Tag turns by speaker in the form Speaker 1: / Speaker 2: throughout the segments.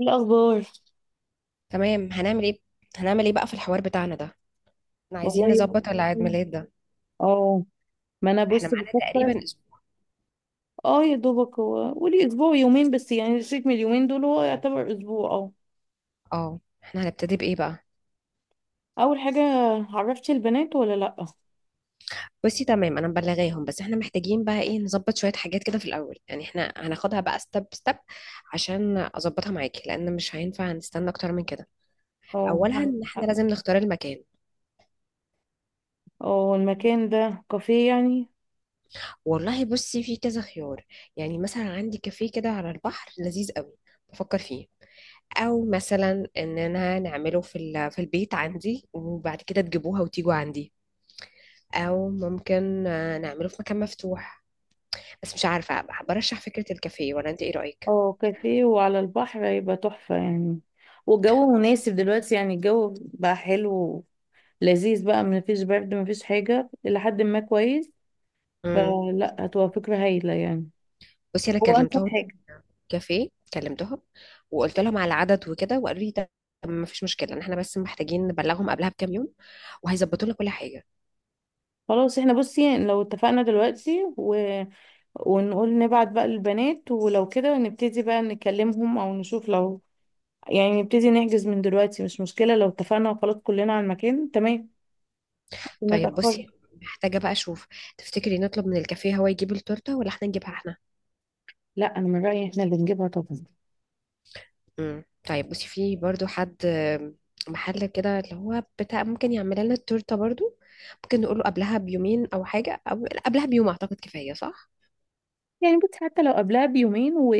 Speaker 1: إيه الاخبار؟
Speaker 2: تمام، هنعمل ايه؟ بقى في الحوار بتاعنا ده؟ احنا عايزين
Speaker 1: والله ب-
Speaker 2: نظبط العيد ميلاد ده.
Speaker 1: اه ما انا
Speaker 2: احنا
Speaker 1: بص
Speaker 2: معانا
Speaker 1: بفكر.
Speaker 2: تقريبا اسبوع.
Speaker 1: اه، يا دوبك هو قولي اسبوع يومين بس، يعني الشيك من اليومين دول هو يعتبر اسبوع. اه،
Speaker 2: اه، احنا هنبتدي بايه بقى؟
Speaker 1: اول حاجه، عرفتي البنات ولا لا؟
Speaker 2: بصي تمام، انا مبلغاهم، بس احنا محتاجين بقى ايه، نظبط شوية حاجات كده في الاول، يعني احنا هناخدها بقى ستيب ستيب عشان اظبطها معاكي، لان مش هينفع نستنى اكتر من كده.
Speaker 1: اه،
Speaker 2: اولها
Speaker 1: نعم.
Speaker 2: ان احنا لازم نختار المكان.
Speaker 1: اه، المكان ده كافيه يعني؟
Speaker 2: والله بصي، في كذا خيار. يعني مثلا عندي كافيه كده على البحر لذيذ قوي، بفكر فيه. او مثلا ان انا نعمله في في البيت عندي، وبعد كده تجيبوها وتيجوا عندي. او ممكن نعمله في مكان مفتوح، بس مش عارفه. برشح فكره الكافيه، ولا انت ايه رايك؟
Speaker 1: اه، كافيه وعلى البحر هيبقى تحفه يعني، والجو مناسب دلوقتي، يعني الجو بقى حلو، لذيذ بقى، مفيش برد مفيش حاجه لحد ما كويس،
Speaker 2: امم.
Speaker 1: فلا هتبقى فكره هايله يعني،
Speaker 2: بصي انا
Speaker 1: هو انسب
Speaker 2: كلمتهم.
Speaker 1: حاجه.
Speaker 2: كافيه كلمتهم، وقلت لهم على العدد وكده، وقالوا لي ده ما فيش مشكله، ان احنا بس محتاجين نبلغهم قبلها بكام يوم، وهيظبطوا لنا كل حاجه.
Speaker 1: خلاص احنا بصي، يعني لو اتفقنا دلوقتي ونقول نبعت بقى للبنات ولو كده نبتدي بقى نكلمهم او نشوف لو، يعني نبتدي نحجز من دلوقتي مش مشكلة، لو اتفقنا وخلاص كلنا على المكان تمام وما
Speaker 2: طيب بصي،
Speaker 1: تأخري.
Speaker 2: محتاجه بقى اشوف، تفتكري نطلب من الكافيه هو يجيب التورته، ولا احنا نجيبها احنا؟
Speaker 1: لا، انا من رأيي احنا اللي نجيبها طبعا.
Speaker 2: مم. طيب بصي، في برضو حد محل كده اللي هو بتاع، ممكن يعمل لنا التورته برضو. ممكن نقوله قبلها بيومين او حاجه، او لا، قبلها بيوم اعتقد كفايه، صح؟
Speaker 1: يعني بصي حتى لو قبلها بيومين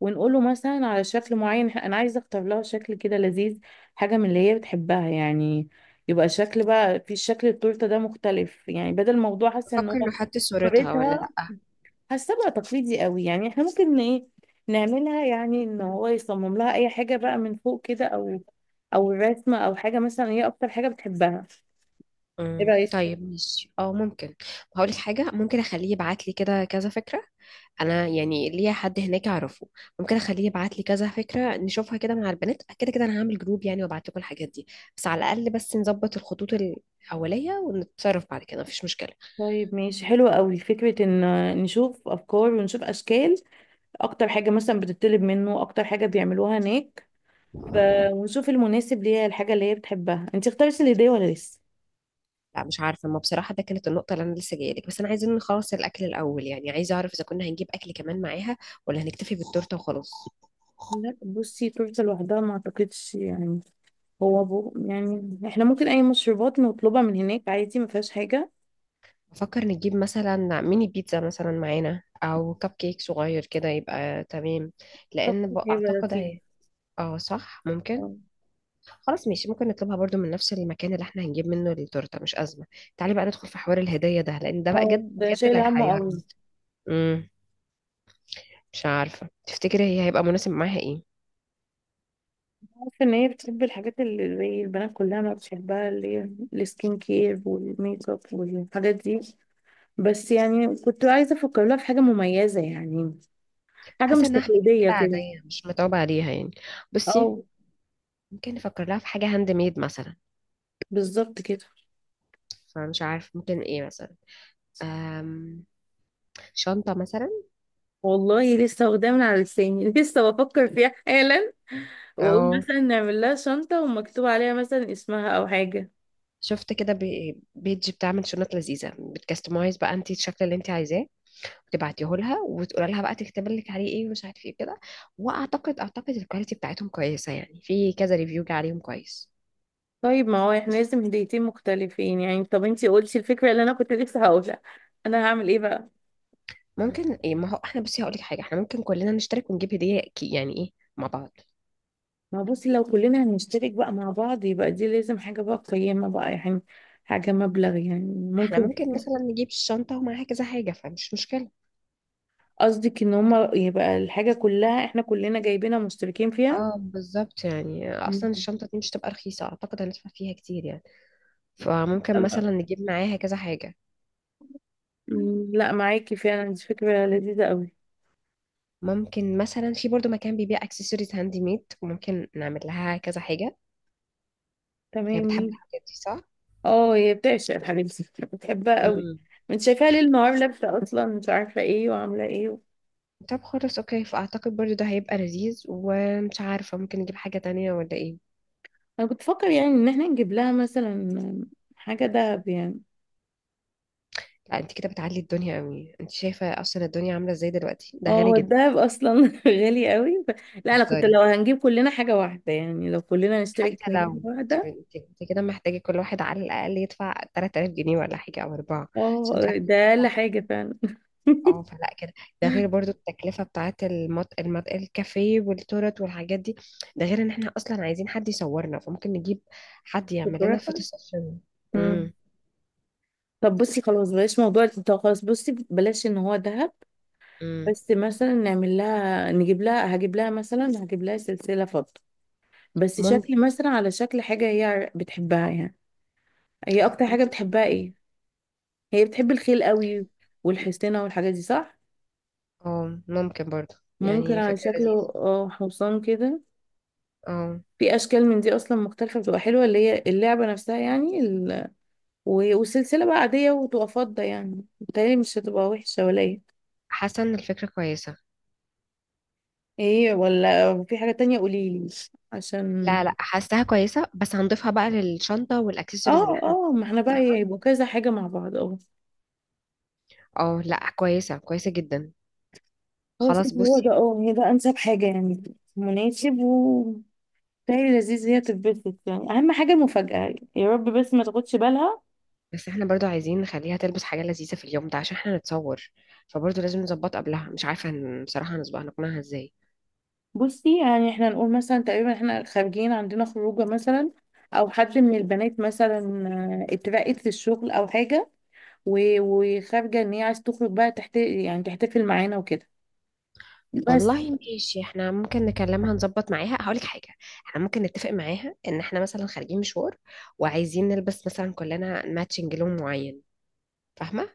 Speaker 1: ونقوله مثلا على شكل معين، انا عايزة اختار لها شكل كده لذيذ، حاجة من اللي هي بتحبها يعني، يبقى شكل بقى، في شكل التورته ده مختلف يعني، بدل الموضوع حاسه ان
Speaker 2: بفكر
Speaker 1: هو
Speaker 2: لو حط صورتها ولا
Speaker 1: طريقتها،
Speaker 2: لا.
Speaker 1: حاسه بقى تقليدي قوي، يعني احنا ممكن ايه، نعملها يعني ان هو يصمم لها اي حاجه بقى من فوق كده او او الرسمه او حاجه مثلا هي اكتر حاجه بتحبها. ايه
Speaker 2: مم.
Speaker 1: رايك؟
Speaker 2: طيب ماشي، ممكن. هقول لك حاجه، ممكن اخليه يبعت لي كده كذا فكره، انا يعني ليا حد هناك اعرفه، ممكن اخليه يبعت لي كذا فكره نشوفها كده مع البنات، كده كده انا هعمل جروب يعني، وابعت لكم الحاجات دي. بس على الاقل بس نظبط الخطوط الاوليه، ونتصرف بعد كده مفيش مشكله.
Speaker 1: طيب ماشي، حلوة قوي فكرة ان نشوف افكار ونشوف اشكال، اكتر حاجة مثلا بتطلب منه، اكتر حاجة بيعملوها هناك ف... ونشوف المناسب ليها، الحاجة اللي هي بتحبها. انت اختارتي الهدية ولا لسه؟
Speaker 2: لا مش عارفه، ما بصراحه ده كانت النقطه اللي انا لسه جايه لك، بس انا عايزين نخلص الاكل الاول، يعني عايزه اعرف اذا كنا هنجيب اكل كمان معاها، ولا هنكتفي بالتورته وخلاص.
Speaker 1: لا بصي، تورته لوحدها ما اعتقدش يعني، هو يعني احنا ممكن اي مشروبات نطلبها من هناك عادي، ما فيهاش حاجة.
Speaker 2: بفكر نجيب مثلا ميني بيتزا مثلا معانا، او كب كيك صغير كده يبقى تمام،
Speaker 1: طب
Speaker 2: لان
Speaker 1: هيبقى
Speaker 2: اعتقد
Speaker 1: لطيف.
Speaker 2: هي. اه صح، ممكن.
Speaker 1: اه.
Speaker 2: خلاص ماشي، ممكن نطلبها برضو من نفس المكان اللي احنا هنجيب منه التورته، مش ازمه. تعالي بقى ندخل في حوار الهديه ده، لان ده بقى
Speaker 1: اه،
Speaker 2: جد
Speaker 1: ده
Speaker 2: بجد
Speaker 1: شايل
Speaker 2: اللي
Speaker 1: همه قوي.
Speaker 2: هيحيرنا. امم. مش عارفه، تفتكري هي هيبقى مناسب معاها ايه؟
Speaker 1: عارفة ان هي بتحب الحاجات اللي زي البنات كلها ما بتحبها، اللي هي السكين كير والميك اب والحاجات دي، بس يعني كنت عايزة افكر لها في حاجة مميزة يعني، حاجة
Speaker 2: حاسه
Speaker 1: مش
Speaker 2: انها حاجات كده
Speaker 1: تقليدية كده.
Speaker 2: عاديه، مش متعوبه عليها يعني. بصي،
Speaker 1: اه،
Speaker 2: ممكن نفكر لها في حاجه هاند ميد مثلا،
Speaker 1: بالظبط كده.
Speaker 2: فمش عارف ممكن ايه مثلا. أم شنطه مثلا.
Speaker 1: والله لسه واخداه من على لساني لسه بفكر فيها حالا، واقول
Speaker 2: او
Speaker 1: مثلا نعمل لها شنطة ومكتوب عليها مثلا اسمها او حاجة.
Speaker 2: شفت كده بيج بتعمل شنط لذيذه، بتكستمايز بقى انت الشكل اللي انت عايزاه، وتبعتيه لها وتقول لها بقى تكتب لك عليه ايه ومش عارف ايه كده. واعتقد الكواليتي بتاعتهم كويسه، يعني في كذا ريفيو جه عليهم كويس.
Speaker 1: طيب ما هو احنا لازم هديتين مختلفين يعني، طب انتي قلتي الفكرة اللي انا كنت لسه هقولها، انا هعمل ايه بقى؟
Speaker 2: ممكن ايه، ما هو احنا بصي هقول لك حاجه، احنا ممكن كلنا نشترك ونجيب هديه يعني ايه، مع بعض.
Speaker 1: ما بصي، لو كلنا هنشترك بقى مع بعض يبقى دي لازم حاجة بقى قيمة بقى يعني، حاجة مبلغ يعني
Speaker 2: احنا
Speaker 1: ممكن.
Speaker 2: ممكن مثلا نجيب الشنطة ومعاها كذا حاجة، فمش مشكلة.
Speaker 1: قصدك ان هما يبقى الحاجة كلها احنا كلنا جايبينها مشتركين فيها.
Speaker 2: اه بالظبط، يعني
Speaker 1: مم.
Speaker 2: اصلا الشنطة دي مش تبقى رخيصة، اعتقد هندفع فيها كتير يعني، فممكن مثلا
Speaker 1: لا،
Speaker 2: نجيب معاها كذا حاجة.
Speaker 1: معاكي فعلا، دي فكرة لذيذة قوي.
Speaker 2: ممكن مثلا في برضو مكان بيبيع اكسسوارز هاندي ميد، وممكن نعمل لها كذا حاجة. هي بتحب
Speaker 1: تمام.
Speaker 2: الحاجات دي، صح؟
Speaker 1: اه، هي بتعشق حبيبتي، بتحبها قوي،
Speaker 2: امم.
Speaker 1: انت شايفاها ليل نهار لابسة، اصلا مش عارفة ايه وعاملة ايه.
Speaker 2: طب خلاص اوكي، فاعتقد برضو ده هيبقى لذيذ، ومش عارفة ممكن نجيب حاجة تانية ولا ايه.
Speaker 1: انا كنت بفكر يعني ان احنا نجيب لها مثلا حاجه دهب يعني.
Speaker 2: لا، انت كده بتعلي الدنيا قوي، انت شايفة اصلا الدنيا عاملة ازاي دلوقتي،
Speaker 1: اه
Speaker 2: ده غالي
Speaker 1: هو
Speaker 2: جدا.
Speaker 1: الدهب اصلا غالي قوي لا انا كنت
Speaker 2: هزاري.
Speaker 1: لو هنجيب كلنا حاجه واحده، يعني لو كلنا نشترك
Speaker 2: حتى
Speaker 1: نجيب
Speaker 2: لو،
Speaker 1: حاجه واحده.
Speaker 2: انت كده محتاجة كل واحد على الأقل يدفع 3000 جنيه ولا حاجة أو أربعة، عشان
Speaker 1: اه،
Speaker 2: تعرفي
Speaker 1: ده
Speaker 2: تجيبي
Speaker 1: اقل
Speaker 2: لها حاجة.
Speaker 1: حاجه فعلا.
Speaker 2: اه فلا كده، ده غير برضو التكلفة بتاعت الكافيه والتورت والحاجات دي، ده غير ان احنا أصلا عايزين حد يصورنا، فممكن نجيب حد يعمل لنا
Speaker 1: فكرة.
Speaker 2: فوتو سيشن.
Speaker 1: مم.
Speaker 2: امم.
Speaker 1: طب بصي خلاص، بلاش موضوع التلتة، خلاص بصي بلاش ان هو دهب،
Speaker 2: امم،
Speaker 1: بس مثلا نعمل لها نجيب لها هجيب لها مثلا، هجيب لها سلسله فضه، بس
Speaker 2: ممكن،
Speaker 1: شكل مثلا على شكل حاجه هي بتحبها يعني. هي اكتر حاجه بتحبها ايه؟ هي بتحب الخيل قوي والحصينة والحاجات دي صح؟
Speaker 2: اه ممكن برضو.
Speaker 1: ممكن
Speaker 2: يعني
Speaker 1: على
Speaker 2: فكرة لذيذة.
Speaker 1: شكله اه، حصان كده.
Speaker 2: اه.
Speaker 1: في اشكال من دي اصلا مختلفة، بتبقى حلوة، اللي هي اللعبة نفسها يعني والسلسلة بقى عادية وتبقى فضة، يعني بتهيألي مش هتبقى وحشة ولا ايه.
Speaker 2: حاسة ان الفكرة كويسة.
Speaker 1: ايه، ولا في حاجة تانية قوليلي عشان.
Speaker 2: لا لا، حاساها كويسة، بس هنضيفها بقى للشنطة والاكسسوارز اللي
Speaker 1: اه.
Speaker 2: احنا
Speaker 1: اه، ما احنا بقى
Speaker 2: هنضيفها.
Speaker 1: هيبقوا كذا حاجة مع بعض اه.
Speaker 2: اه لا، كويسة كويسة جدا.
Speaker 1: خلاص
Speaker 2: خلاص
Speaker 1: هو ده،
Speaker 2: بصي،
Speaker 1: اه هي ده انسب حاجة يعني، مناسب و بتهيألي لذيذ هي تتبسط، يعني اهم حاجة المفاجأة يا رب بس ما تاخدش بالها.
Speaker 2: بس احنا برضو عايزين نخليها تلبس حاجة لذيذة في اليوم ده عشان احنا نتصور، فبرضو لازم نظبط قبلها، مش عارفة بصراحة هنظبط نقنعها ازاي.
Speaker 1: بصي يعني احنا نقول مثلا تقريبا احنا خارجين، عندنا خروجه مثلا، او حد من البنات مثلا اترقت في الشغل او حاجه وخارجه، ان هي عايز تخرج بقى تحت، يعني تحتفل معانا وكده بس.
Speaker 2: والله ماشي، احنا ممكن نكلمها نظبط معاها، هقولك حاجة، احنا ممكن نتفق معاها ان احنا مثلا خارجين مشوار، وعايزين نلبس مثلا كلنا ماتشنج لون معين، فاهمة؟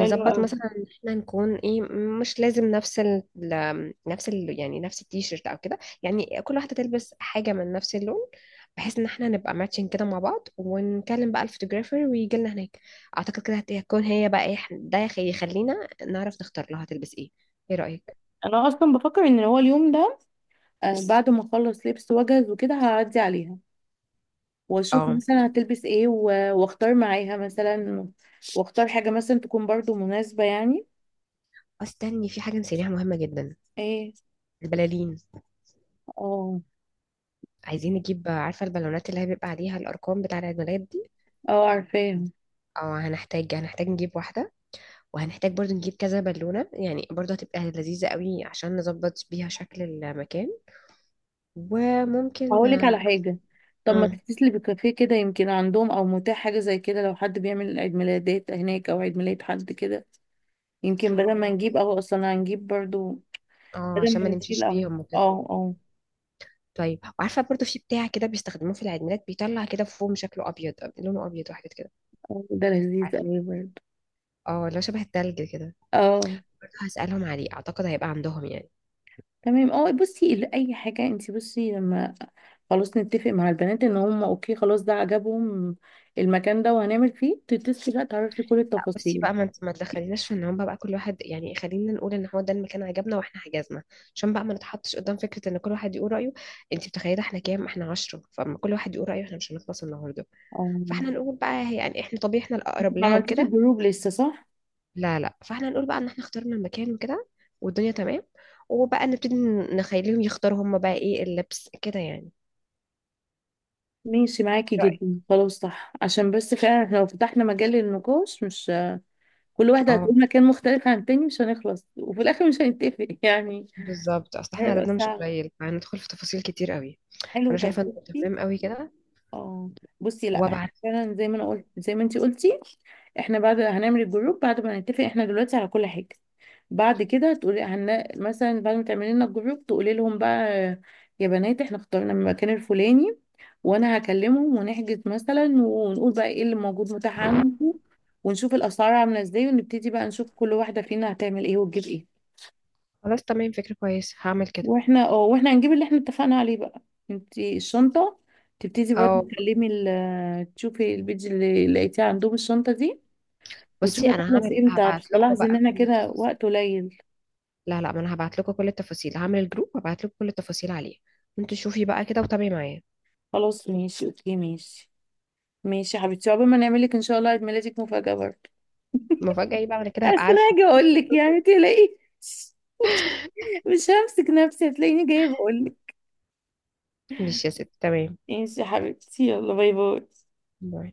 Speaker 1: حلو قوي.
Speaker 2: مثلا ان احنا نكون ايه، مش لازم نفس ال ال- نفس ال يعني نفس التيشيرت او كده، يعني كل واحده تلبس حاجه من نفس اللون، بحيث ان احنا نبقى ماتشنج كده مع بعض، ونكلم بقى الفوتوغرافر ويجي لنا هناك. اعتقد كده هتكون هي بقى ايه، ده يخلينا نعرف نختار لها تلبس ايه. ايه رايك؟
Speaker 1: انا اصلا بفكر ان هو اليوم ده، بعد ما اخلص لبس واجهز وكده هعدي عليها، واشوف
Speaker 2: اه
Speaker 1: مثلا هتلبس ايه واختار معاها مثلا، واختار حاجه مثلا تكون برضو مناسبه يعني.
Speaker 2: استني، في حاجه نسيناها مهمه جدا،
Speaker 1: ايه؟
Speaker 2: البلالين.
Speaker 1: اه.
Speaker 2: عايزين نجيب، عارفه البالونات اللي هي بيبقى عليها الارقام بتاع العيد ميلاد دي؟
Speaker 1: اه، عارفاه.
Speaker 2: اه، هنحتاج نجيب واحده. وهنحتاج برضو نجيب كذا بالونة، يعني برضو هتبقى لذيذة قوي عشان نظبط بيها شكل المكان. وممكن.
Speaker 1: هقولك على حاجة، طب ما
Speaker 2: امم.
Speaker 1: تتصلي بكافيه كده، يمكن عندهم او متاح حاجة زي كده، لو حد بيعمل عيد ميلادات هناك او عيد ميلاد حد كده، يمكن بدل ما نجيب قهوة اصلا هنجيب برضو،
Speaker 2: اه،
Speaker 1: بدل
Speaker 2: عشان ما
Speaker 1: ما نشيل
Speaker 2: نمشيش
Speaker 1: قهوة.
Speaker 2: بيهم وكده.
Speaker 1: اه اه.
Speaker 2: طيب وعارفة برضو في بتاع كده بيستخدموه في العيد ميلاد، بيطلع كده فوم شكله أبيض، لونه أبيض وحاجات كده،
Speaker 1: ده لذيذ
Speaker 2: عارفة؟
Speaker 1: اوي برضو.
Speaker 2: اه لو شبه التلج كده.
Speaker 1: اه.
Speaker 2: برضو هسألهم عليه، أعتقد هيبقى عندهم يعني.
Speaker 1: تمام. اه بصي، اي حاجة، انتي بصي لما خلاص نتفق مع البنات ان هم اوكي خلاص ده عجبهم، المكان ده وهنعمل فيه، تتصلي بقى تعرفي كل
Speaker 2: لا بصي
Speaker 1: التفاصيل.
Speaker 2: بقى، ما انت ما تدخليناش في ان هم بقى كل واحد يعني، خلينا نقول ان هو ده المكان عجبنا واحنا حجزنا، عشان بقى ما نتحطش قدام فكره ان كل واحد يقول رايه، انت متخيله احنا كام، احنا 10، فما كل واحد يقول رايه احنا مش هنخلص النهارده.
Speaker 1: اه.
Speaker 2: فاحنا نقول بقى يعني احنا طبيعي احنا
Speaker 1: انتي
Speaker 2: الاقرب
Speaker 1: ما
Speaker 2: لها
Speaker 1: عملتيش
Speaker 2: وكده.
Speaker 1: الجروب لسه صح؟
Speaker 2: لا لا، فاحنا نقول بقى ان احنا اخترنا المكان وكده، والدنيا تمام، وبقى نبتدي نخليهم يختاروا هم بقى ايه اللبس كده يعني.
Speaker 1: ماشي معاكي
Speaker 2: إيه رأيك؟
Speaker 1: جدا، خلاص صح، عشان بس فعلا احنا لو فتحنا مجال للنقاش مش كل واحدة
Speaker 2: اه
Speaker 1: هتقول مكان مختلف عن التاني، مش هنخلص وفي الآخر مش هنتفق يعني،
Speaker 2: بالظبط، اصل احنا
Speaker 1: هيبقى
Speaker 2: عددنا مش
Speaker 1: صعب.
Speaker 2: قليل، فهندخل في تفاصيل كتير قوي.
Speaker 1: حلو
Speaker 2: فانا
Speaker 1: طب
Speaker 2: شايفه انه
Speaker 1: بصي.
Speaker 2: تمام قوي كده.
Speaker 1: اه. بصي لا احنا
Speaker 2: وابعت.
Speaker 1: فعلا زي ما انا قلت زي ما انتي قلتي، احنا بعد هنعمل الجروب بعد ما نتفق احنا دلوقتي على كل حاجة، بعد كده تقولي مثلا بعد ما تعملي لنا الجروب تقولي لهم بقى، يا بنات احنا اخترنا المكان الفلاني، وانا هكلمهم ونحجز مثلا ونقول بقى ايه اللي موجود متاح عنده، ونشوف الاسعار عامله ازاي، ونبتدي بقى نشوف كل واحده فينا هتعمل ايه وتجيب ايه.
Speaker 2: خلاص تمام، فكرة كويسة، هعمل كده.
Speaker 1: واحنا هنجيب اللي احنا اتفقنا عليه بقى، انت الشنطه تبتدي برضه
Speaker 2: او
Speaker 1: تكلمي تشوفي البيج اللي لقيتيه عندهم الشنطه دي، وتشوفي
Speaker 2: بصي، انا
Speaker 1: هتخلص امتى، مش
Speaker 2: هبعت لكم
Speaker 1: تلاحظي ان
Speaker 2: بقى
Speaker 1: احنا
Speaker 2: كل
Speaker 1: كده
Speaker 2: التفاصيل.
Speaker 1: وقت قليل.
Speaker 2: لا لا، ما انا هبعت لكم كل التفاصيل، هعمل الجروب وابعت لكم كل التفاصيل عليه. انتوا شوفي بقى كده وتابعي معايا.
Speaker 1: خلاص ماشي اوكي ماشي. ماشي يا حبيبتي، عقبال ما نعمل لك ان شاء الله عيد ميلادك مفاجاه برضه.
Speaker 2: المفاجأة ايه بقى، انا كده
Speaker 1: اصل
Speaker 2: هبقى
Speaker 1: أنا
Speaker 2: عارفة.
Speaker 1: هاجي اقول لك يعني تلاقي مش همسك نفسي هتلاقيني جايه بقول لك.
Speaker 2: مش يا ست، تمام.
Speaker 1: ماشي يا حبيبتي، يلا باي باي.
Speaker 2: باي.